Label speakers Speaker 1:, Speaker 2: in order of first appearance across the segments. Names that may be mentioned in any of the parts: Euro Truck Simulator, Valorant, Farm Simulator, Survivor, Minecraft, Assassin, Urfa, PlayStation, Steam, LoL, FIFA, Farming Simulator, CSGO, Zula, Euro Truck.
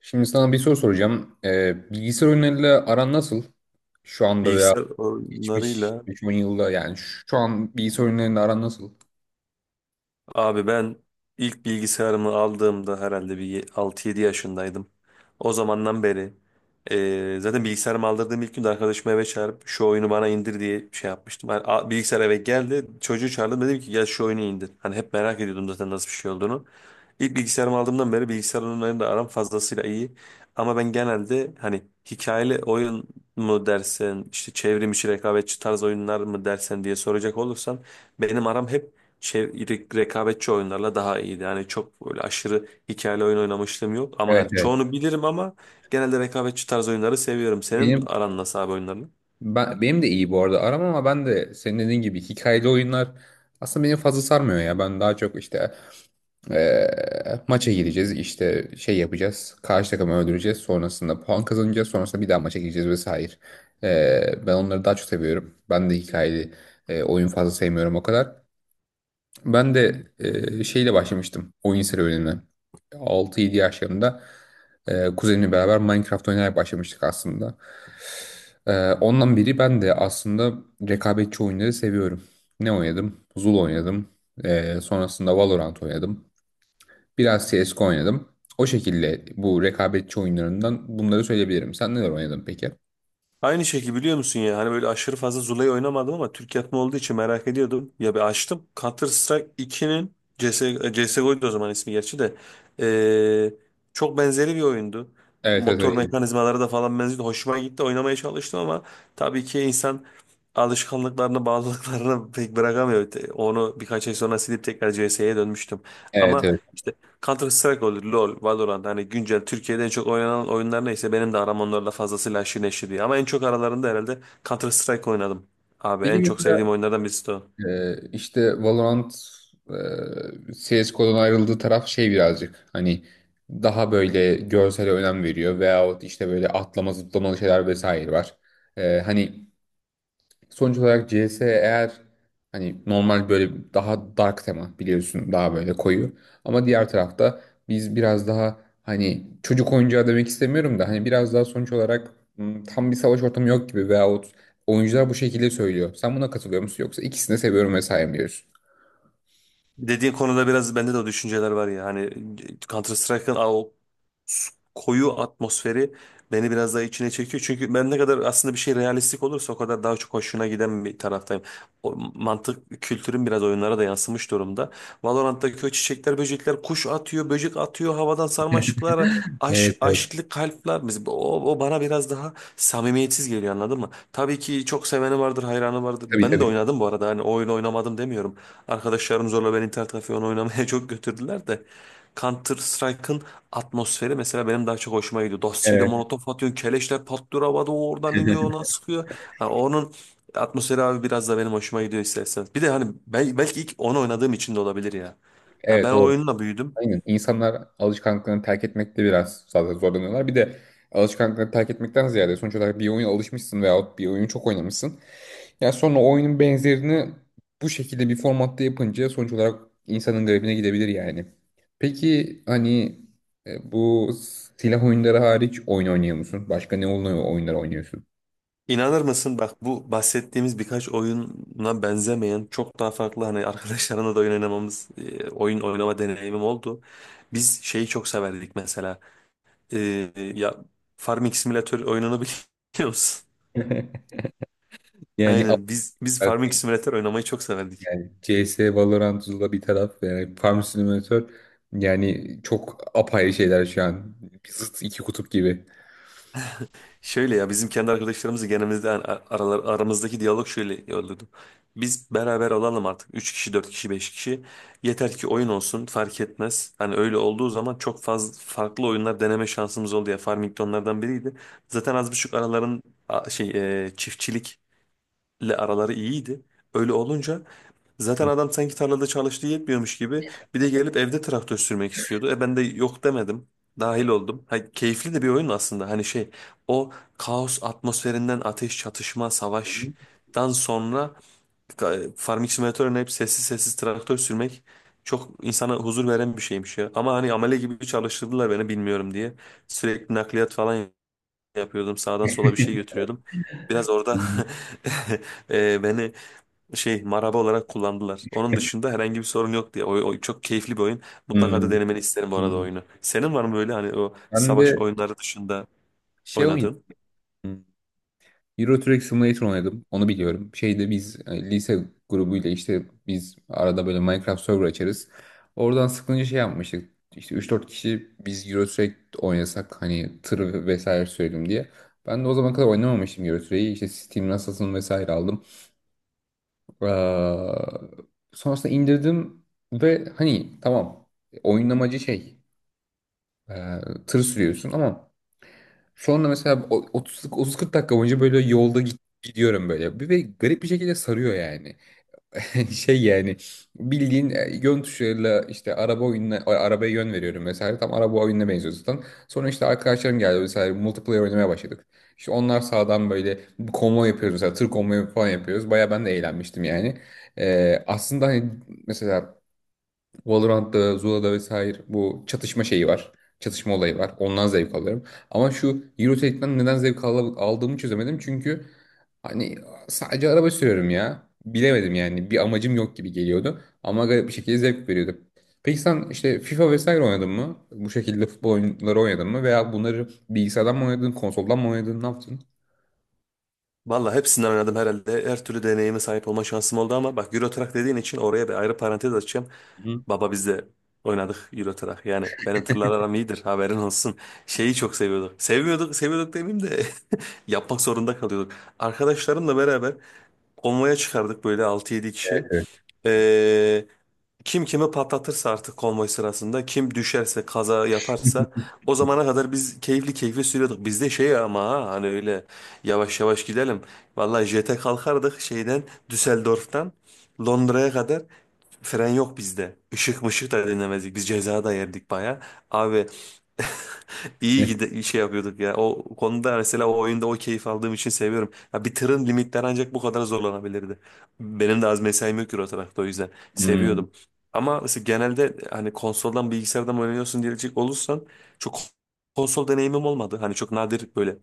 Speaker 1: Şimdi sana bir soru soracağım. Bilgisayar oyunlarıyla aran nasıl? Şu anda veya
Speaker 2: Bilgisayar
Speaker 1: geçmiş
Speaker 2: oyunlarıyla
Speaker 1: 3-10 yılda, yani şu an bilgisayar oyunlarıyla aran nasıl?
Speaker 2: abi ben ilk bilgisayarımı aldığımda herhalde 6-7 yaşındaydım. O zamandan beri zaten bilgisayarımı aldırdığım ilk günde arkadaşımı eve çağırıp şu oyunu bana indir diye şey yapmıştım. Hani, bilgisayar eve geldi çocuğu çağırdım dedim ki gel şu oyunu indir. Hani hep merak ediyordum zaten nasıl bir şey olduğunu. İlk bilgisayarımı aldığımdan beri bilgisayar oyunlarıyla aram fazlasıyla iyi. Ama ben genelde hani hikayeli oyun mu dersen, işte çevrim içi rekabetçi tarz oyunlar mı dersen diye soracak olursan benim aram hep rekabetçi oyunlarla daha iyiydi. Yani çok böyle aşırı hikayeli oyun oynamışlığım yok ama
Speaker 1: Evet,
Speaker 2: hani
Speaker 1: evet.
Speaker 2: çoğunu bilirim ama genelde rekabetçi tarz oyunları seviyorum. Senin
Speaker 1: Benim
Speaker 2: aran nasıl abi oyunlarla?
Speaker 1: benim de iyi bu arada aram, ama ben de senin dediğin gibi hikayeli oyunlar aslında beni fazla sarmıyor ya. Ben daha çok işte maça gireceğiz, işte şey yapacağız, karşı takımı öldüreceğiz, sonrasında puan kazanacağız, sonrasında bir daha maça gireceğiz vesaire. Ben onları daha çok seviyorum. Ben de hikayeli oyun fazla sevmiyorum o kadar. Ben de şeyle başlamıştım oyun serüvenine. 6-7 yaşlarında kuzenimle beraber Minecraft oynayarak başlamıştık aslında. Ondan beri ben de aslında rekabetçi oyunları seviyorum. Ne oynadım? Zul oynadım. Sonrasında Valorant oynadım. Biraz CSGO oynadım. O şekilde bu rekabetçi oyunlarından bunları söyleyebilirim. Sen neler oynadın peki?
Speaker 2: Aynı şekilde biliyor musun ya hani böyle aşırı fazla Zula'yı oynamadım ama Türk yapımı olduğu için merak ediyordum. Ya bir açtım Counter Strike 2'nin CS, CSGO'ydu o zaman ismi gerçi de. Ee, Çok benzeri bir oyundu.
Speaker 1: Evet, evet,
Speaker 2: Motor
Speaker 1: öyleydi.
Speaker 2: mekanizmaları da falan benziyordu. Hoşuma gitti oynamaya çalıştım ama tabii ki insan alışkanlıklarını bağlılıklarını pek bırakamıyor. Onu birkaç ay sonra silip tekrar CS'ye dönmüştüm.
Speaker 1: Evet,
Speaker 2: Ama
Speaker 1: evet.
Speaker 2: işte Counter Strike olur, LoL, Valorant hani güncel Türkiye'de en çok oynanan oyunlar neyse benim de aram onlarla fazlasıyla aşırı neşir diye. Ama en çok aralarında herhalde Counter Strike oynadım. Abi
Speaker 1: Peki
Speaker 2: en çok sevdiğim
Speaker 1: mesela,
Speaker 2: oyunlardan birisi de o.
Speaker 1: İşte Valorant CSGO'dan ayrıldığı taraf şey, birazcık hani daha böyle görsele önem veriyor, veyahut işte böyle atlama zıplamalı şeyler vesaire var. Hani sonuç olarak CS eğer, hani normal böyle, daha dark tema, biliyorsun, daha böyle koyu. Ama diğer tarafta biz biraz daha hani çocuk oyuncağı demek istemiyorum da, hani biraz daha sonuç olarak tam bir savaş ortamı yok gibi, veyahut oyuncular bu şekilde söylüyor. Sen buna katılıyor musun, yoksa ikisini de seviyorum vesaire mi diyorsun?
Speaker 2: Dediğin konuda biraz bende de o düşünceler var ya hani Counter Strike'ın o koyu atmosferi beni biraz daha içine çekiyor. Çünkü ben ne kadar aslında bir şey realistik olursa o kadar daha çok hoşuna giden bir taraftayım. O mantık kültürün biraz oyunlara da yansımış durumda. Valorant'taki o çiçekler, böcekler, kuş atıyor, böcek atıyor, havadan sarmaşıklar,
Speaker 1: Evet, evet.
Speaker 2: aşklı kalpler. Mesela o bana biraz daha samimiyetsiz geliyor anladın mı? Tabii ki çok seveni vardır, hayranı vardır.
Speaker 1: Tabii,
Speaker 2: Ben de
Speaker 1: tabii.
Speaker 2: oynadım bu arada. Hani o oyunu oynamadım demiyorum. Arkadaşlarım zorla beni internet kafeye onu oynamaya çok götürdüler de. Counter Strike'ın atmosferi mesela benim daha çok hoşuma gidiyor. Dosti'yi de
Speaker 1: Evet.
Speaker 2: molotof atıyorsun, keleşler patlıyor havada, o oradan iniyor, ona sıkıyor. Ha, onun atmosferi abi biraz da benim hoşuma gidiyor istersen. Bir de hani belki ilk onu oynadığım için de olabilir ya. Ha,
Speaker 1: Evet,
Speaker 2: ben o
Speaker 1: olabilir.
Speaker 2: oyunla büyüdüm.
Speaker 1: Aynen. İnsanlar alışkanlıklarını terk etmekte biraz zaten zorlanıyorlar. Bir de alışkanlıklarını terk etmekten ziyade, sonuç olarak bir oyuna alışmışsın veyahut bir oyunu çok oynamışsın. Ya sonra oyunun benzerini bu şekilde bir formatta yapınca, sonuç olarak insanın garibine gidebilir yani. Peki hani bu silah oyunları hariç oyun oynuyor musun? Başka ne oyunlar oynuyorsun?
Speaker 2: İnanır mısın bak bu bahsettiğimiz birkaç oyuna benzemeyen çok daha farklı hani arkadaşlarına da oyun oynamamız oyun oynama deneyimim oldu. Biz şeyi çok severdik mesela. E, ya Farming Simulator oyununu biliyor musun?
Speaker 1: Yani
Speaker 2: Aynen biz Farming
Speaker 1: affedersin,
Speaker 2: Simulator oynamayı çok severdik.
Speaker 1: yani CS, Valorant, Zula bir taraf, yani Farm Simulator, yani çok apayrı şeyler şu an. Zıt iki kutup gibi.
Speaker 2: Şöyle ya bizim kendi arkadaşlarımızı genelimiz aramızdaki diyalog şöyle olurdu. Biz beraber olalım artık. 3 kişi, 4 kişi, 5 kişi. Yeter ki oyun olsun fark etmez. Hani öyle olduğu zaman çok fazla farklı oyunlar deneme şansımız oldu ya. Farming de onlardan biriydi. Zaten az buçuk araların şey çiftçilik araları iyiydi. Öyle olunca
Speaker 1: Hmm.
Speaker 2: zaten adam sanki tarlada çalıştığı yetmiyormuş gibi bir de gelip evde traktör sürmek istiyordu. E ben de yok demedim. Dahil oldum. Ha, keyifli de bir oyun aslında. Hani şey o kaos atmosferinden ateş, çatışma, savaştan sonra e, Farming Simulator'ın hep sessiz sessiz traktör sürmek çok insana huzur veren bir şeymiş ya. Ama hani amele gibi çalıştırdılar beni bilmiyorum diye. Sürekli nakliyat falan yapıyordum. Sağdan sola bir şey götürüyordum. Biraz orada beni şey maraba olarak kullandılar. Onun dışında herhangi bir sorun yok diye. O, o çok keyifli bir oyun. Mutlaka da
Speaker 1: Hmm.
Speaker 2: denemeni isterim bu arada
Speaker 1: Hmm.
Speaker 2: oyunu. Senin var mı böyle hani o
Speaker 1: Ben
Speaker 2: savaş
Speaker 1: de
Speaker 2: oyunları dışında
Speaker 1: şey oynadım.
Speaker 2: oynadığın?
Speaker 1: Euro Truck Simulator oynadım. Onu biliyorum. Şeyde biz lise grubuyla, işte biz arada böyle Minecraft server açarız. Oradan sıkılınca şey yapmıştık. İşte 3-4 kişi biz Euro Truck oynasak, hani tır vesaire sürelim diye. Ben de o zaman kadar oynamamıştım Euro Truck'i. İşte Steam Assassin vesaire aldım. Ee, Sonrasında indirdim ve hani tamam, oyun amacı şey, e, tır sürüyorsun ama sonra mesela 30 30-40 dakika boyunca böyle yolda gidiyorum böyle. Ve garip bir şekilde sarıyor yani. Şey yani bildiğin yön tuşuyla, işte araba oyununa arabaya yön veriyorum mesela. Tam araba oyununa benziyor zaten. Sonra işte arkadaşlarım geldi, mesela multiplayer oynamaya başladık. İşte onlar sağdan böyle bir konvoy yapıyoruz, mesela tır konvoyu falan yapıyoruz. Baya ben de eğlenmiştim yani. Aslında hani mesela Valorant'ta, Zula'da vesaire bu çatışma şeyi var. Çatışma olayı var. Ondan zevk alıyorum. Ama şu Eurotrack'ten neden zevk aldığımı çözemedim. Çünkü hani sadece araba sürüyorum ya. Bilemedim yani. Bir amacım yok gibi geliyordu. Ama garip bir şekilde zevk veriyordu. Peki sen işte FIFA vesaire oynadın mı? Bu şekilde futbol oyunları oynadın mı? Veya bunları bilgisayardan mı oynadın, konsoldan mı oynadın, ne yaptın?
Speaker 2: Valla hepsinden oynadım herhalde. Her türlü deneyime sahip olma şansım oldu ama bak Euro Truck dediğin için oraya bir ayrı parantez açacağım.
Speaker 1: Hı hı.
Speaker 2: Baba biz de oynadık Euro Truck. Yani benim tırlar aram iyidir haberin olsun. Şeyi çok seviyorduk. Sevmiyorduk, seviyorduk demeyeyim de yapmak zorunda kalıyorduk. Arkadaşlarımla beraber konvoya çıkardık böyle altı yedi kişi. Ee, Kim kimi patlatırsa artık konvoy sırasında, kim düşerse, kaza yaparsa o zamana kadar biz keyifli keyifli sürüyorduk. Bizde şey ama ha, hani öyle yavaş yavaş gidelim. Vallahi jete kalkardık şeyden Düsseldorf'tan Londra'ya kadar fren yok bizde. Işık mışık da dinlemezdik. Biz ceza da yerdik baya. Abi İyi
Speaker 1: Hı
Speaker 2: gide şey yapıyorduk ya. O konuda mesela o oyunda o keyif aldığım için seviyorum. Ya bir tırın limitleri ancak bu kadar zorlanabilirdi. Benim de az mesaim yok Euro tarafta o yüzden
Speaker 1: hı.
Speaker 2: seviyordum. Ama mesela genelde hani konsoldan bilgisayardan oynuyorsun diyecek olursan çok konsol deneyimim olmadı. Hani çok nadir böyle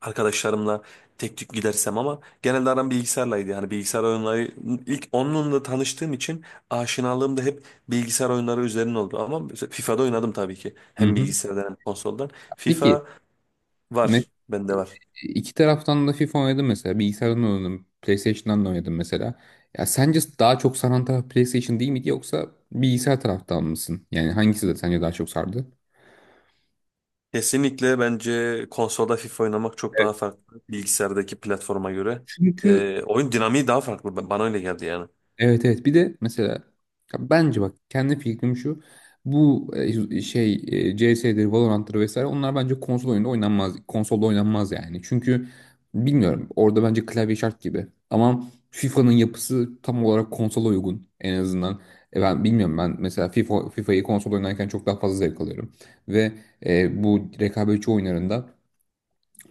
Speaker 2: arkadaşlarımla tek tük gidersem ama genelde aram bilgisayarlaydı. Yani bilgisayar oyunları ilk onunla tanıştığım için aşinalığım da hep bilgisayar oyunları üzerine oldu. Ama mesela FIFA'da oynadım tabii ki.
Speaker 1: Hı
Speaker 2: Hem
Speaker 1: hı.
Speaker 2: bilgisayardan hem konsoldan.
Speaker 1: Peki.
Speaker 2: FIFA
Speaker 1: Me-
Speaker 2: var. Bende var.
Speaker 1: iki taraftan da FIFA oynadım mesela. Bilgisayardan oynadım. PlayStation'dan da oynadım mesela. Ya sence daha çok saran taraf PlayStation değil miydi, yoksa bilgisayar taraftan mısın? Yani hangisi de sence daha çok sardı?
Speaker 2: Kesinlikle bence konsolda FIFA oynamak çok daha
Speaker 1: Evet.
Speaker 2: farklı. Bilgisayardaki platforma göre.
Speaker 1: Çünkü
Speaker 2: Oyun dinamiği daha farklı. Bana öyle geldi yani.
Speaker 1: Evet, evet, bir de mesela, ya bence, bak, kendi fikrim şu: bu şey, CS'dir, Valorant'tır vesaire, onlar bence konsolda oynanmaz yani, çünkü bilmiyorum, orada bence klavye şart gibi, ama FIFA'nın yapısı tam olarak konsola uygun en azından. Ben bilmiyorum, ben mesela FIFA'yı konsol oynarken çok daha fazla zevk alıyorum ve bu rekabetçi oyunlarında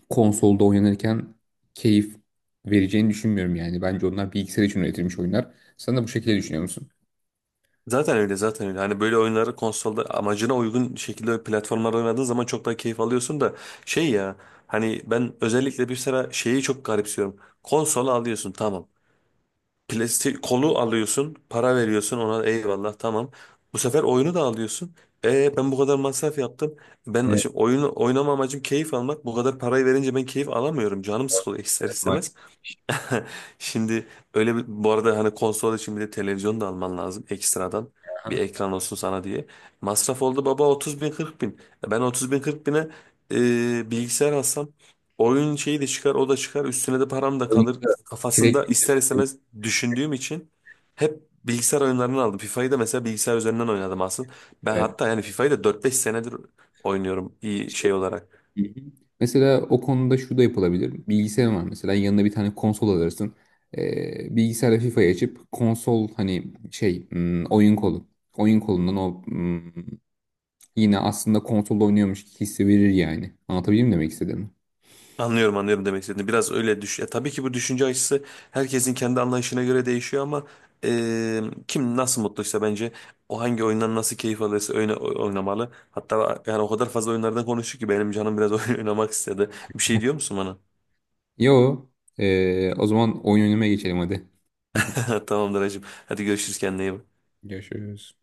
Speaker 1: konsolda oynanırken keyif vereceğini düşünmüyorum yani. Bence onlar bilgisayar için üretilmiş oyunlar. Sen de bu şekilde düşünüyor musun?
Speaker 2: Zaten öyle zaten öyle. Hani böyle oyunları konsolda amacına uygun şekilde platformlarda oynadığın zaman çok daha keyif alıyorsun da şey ya hani ben özellikle bir sıra şeyi çok garipsiyorum. Konsol alıyorsun tamam. Plastik kolu alıyorsun, para veriyorsun ona eyvallah tamam. Bu sefer oyunu da alıyorsun. E ben bu kadar masraf yaptım. Ben şimdi oyunu oynama amacım keyif almak. Bu kadar parayı verince ben keyif alamıyorum. Canım sıkılıyor ister istemez.
Speaker 1: Maalesef.
Speaker 2: Şimdi öyle bir bu arada hani konsol için bir de televizyon da alman lazım ekstradan. Bir
Speaker 1: Aha.
Speaker 2: ekran olsun sana diye. Masraf oldu baba 30 bin 40 bin. E ben 30 bin 40 bine bilgisayar alsam oyun şeyi de çıkar o da çıkar üstüne de param da kalır.
Speaker 1: Oyunda
Speaker 2: Kafasında
Speaker 1: sürekli
Speaker 2: ister
Speaker 1: şey.
Speaker 2: istemez düşündüğüm için hep bilgisayar oyunlarını aldım. FIFA'yı da mesela bilgisayar üzerinden oynadım aslında. Ben
Speaker 1: Evet.
Speaker 2: hatta yani FIFA'yı da 4-5 senedir oynuyorum iyi
Speaker 1: İşte,
Speaker 2: şey olarak.
Speaker 1: hı hı. Mesela o konuda şu da yapılabilir. Bilgisayar var mesela, yanına bir tane konsol alırsın. Bilgisayarda FIFA'yı açıp konsol hani şey, oyun kolu. Oyun kolundan o, yine aslında konsolda oynuyormuş hissi verir yani. Anlatabildim mi demek istediğimi?
Speaker 2: Anlıyorum anlıyorum demek istediğini. Biraz öyle düş. Ya, tabii ki bu düşünce açısı herkesin kendi anlayışına göre değişiyor ama e, kim nasıl mutluysa bence o hangi oyundan nasıl keyif alırsa oynamalı. Hatta yani o kadar fazla oyunlardan konuştuk ki benim canım biraz oyun oynamak istedi. Bir şey diyor musun bana?
Speaker 1: Yo. O zaman oyun oynamaya geçelim hadi.
Speaker 2: Tamamdır hacım. Hadi görüşürüz kendine iyi bak.
Speaker 1: Görüşürüz.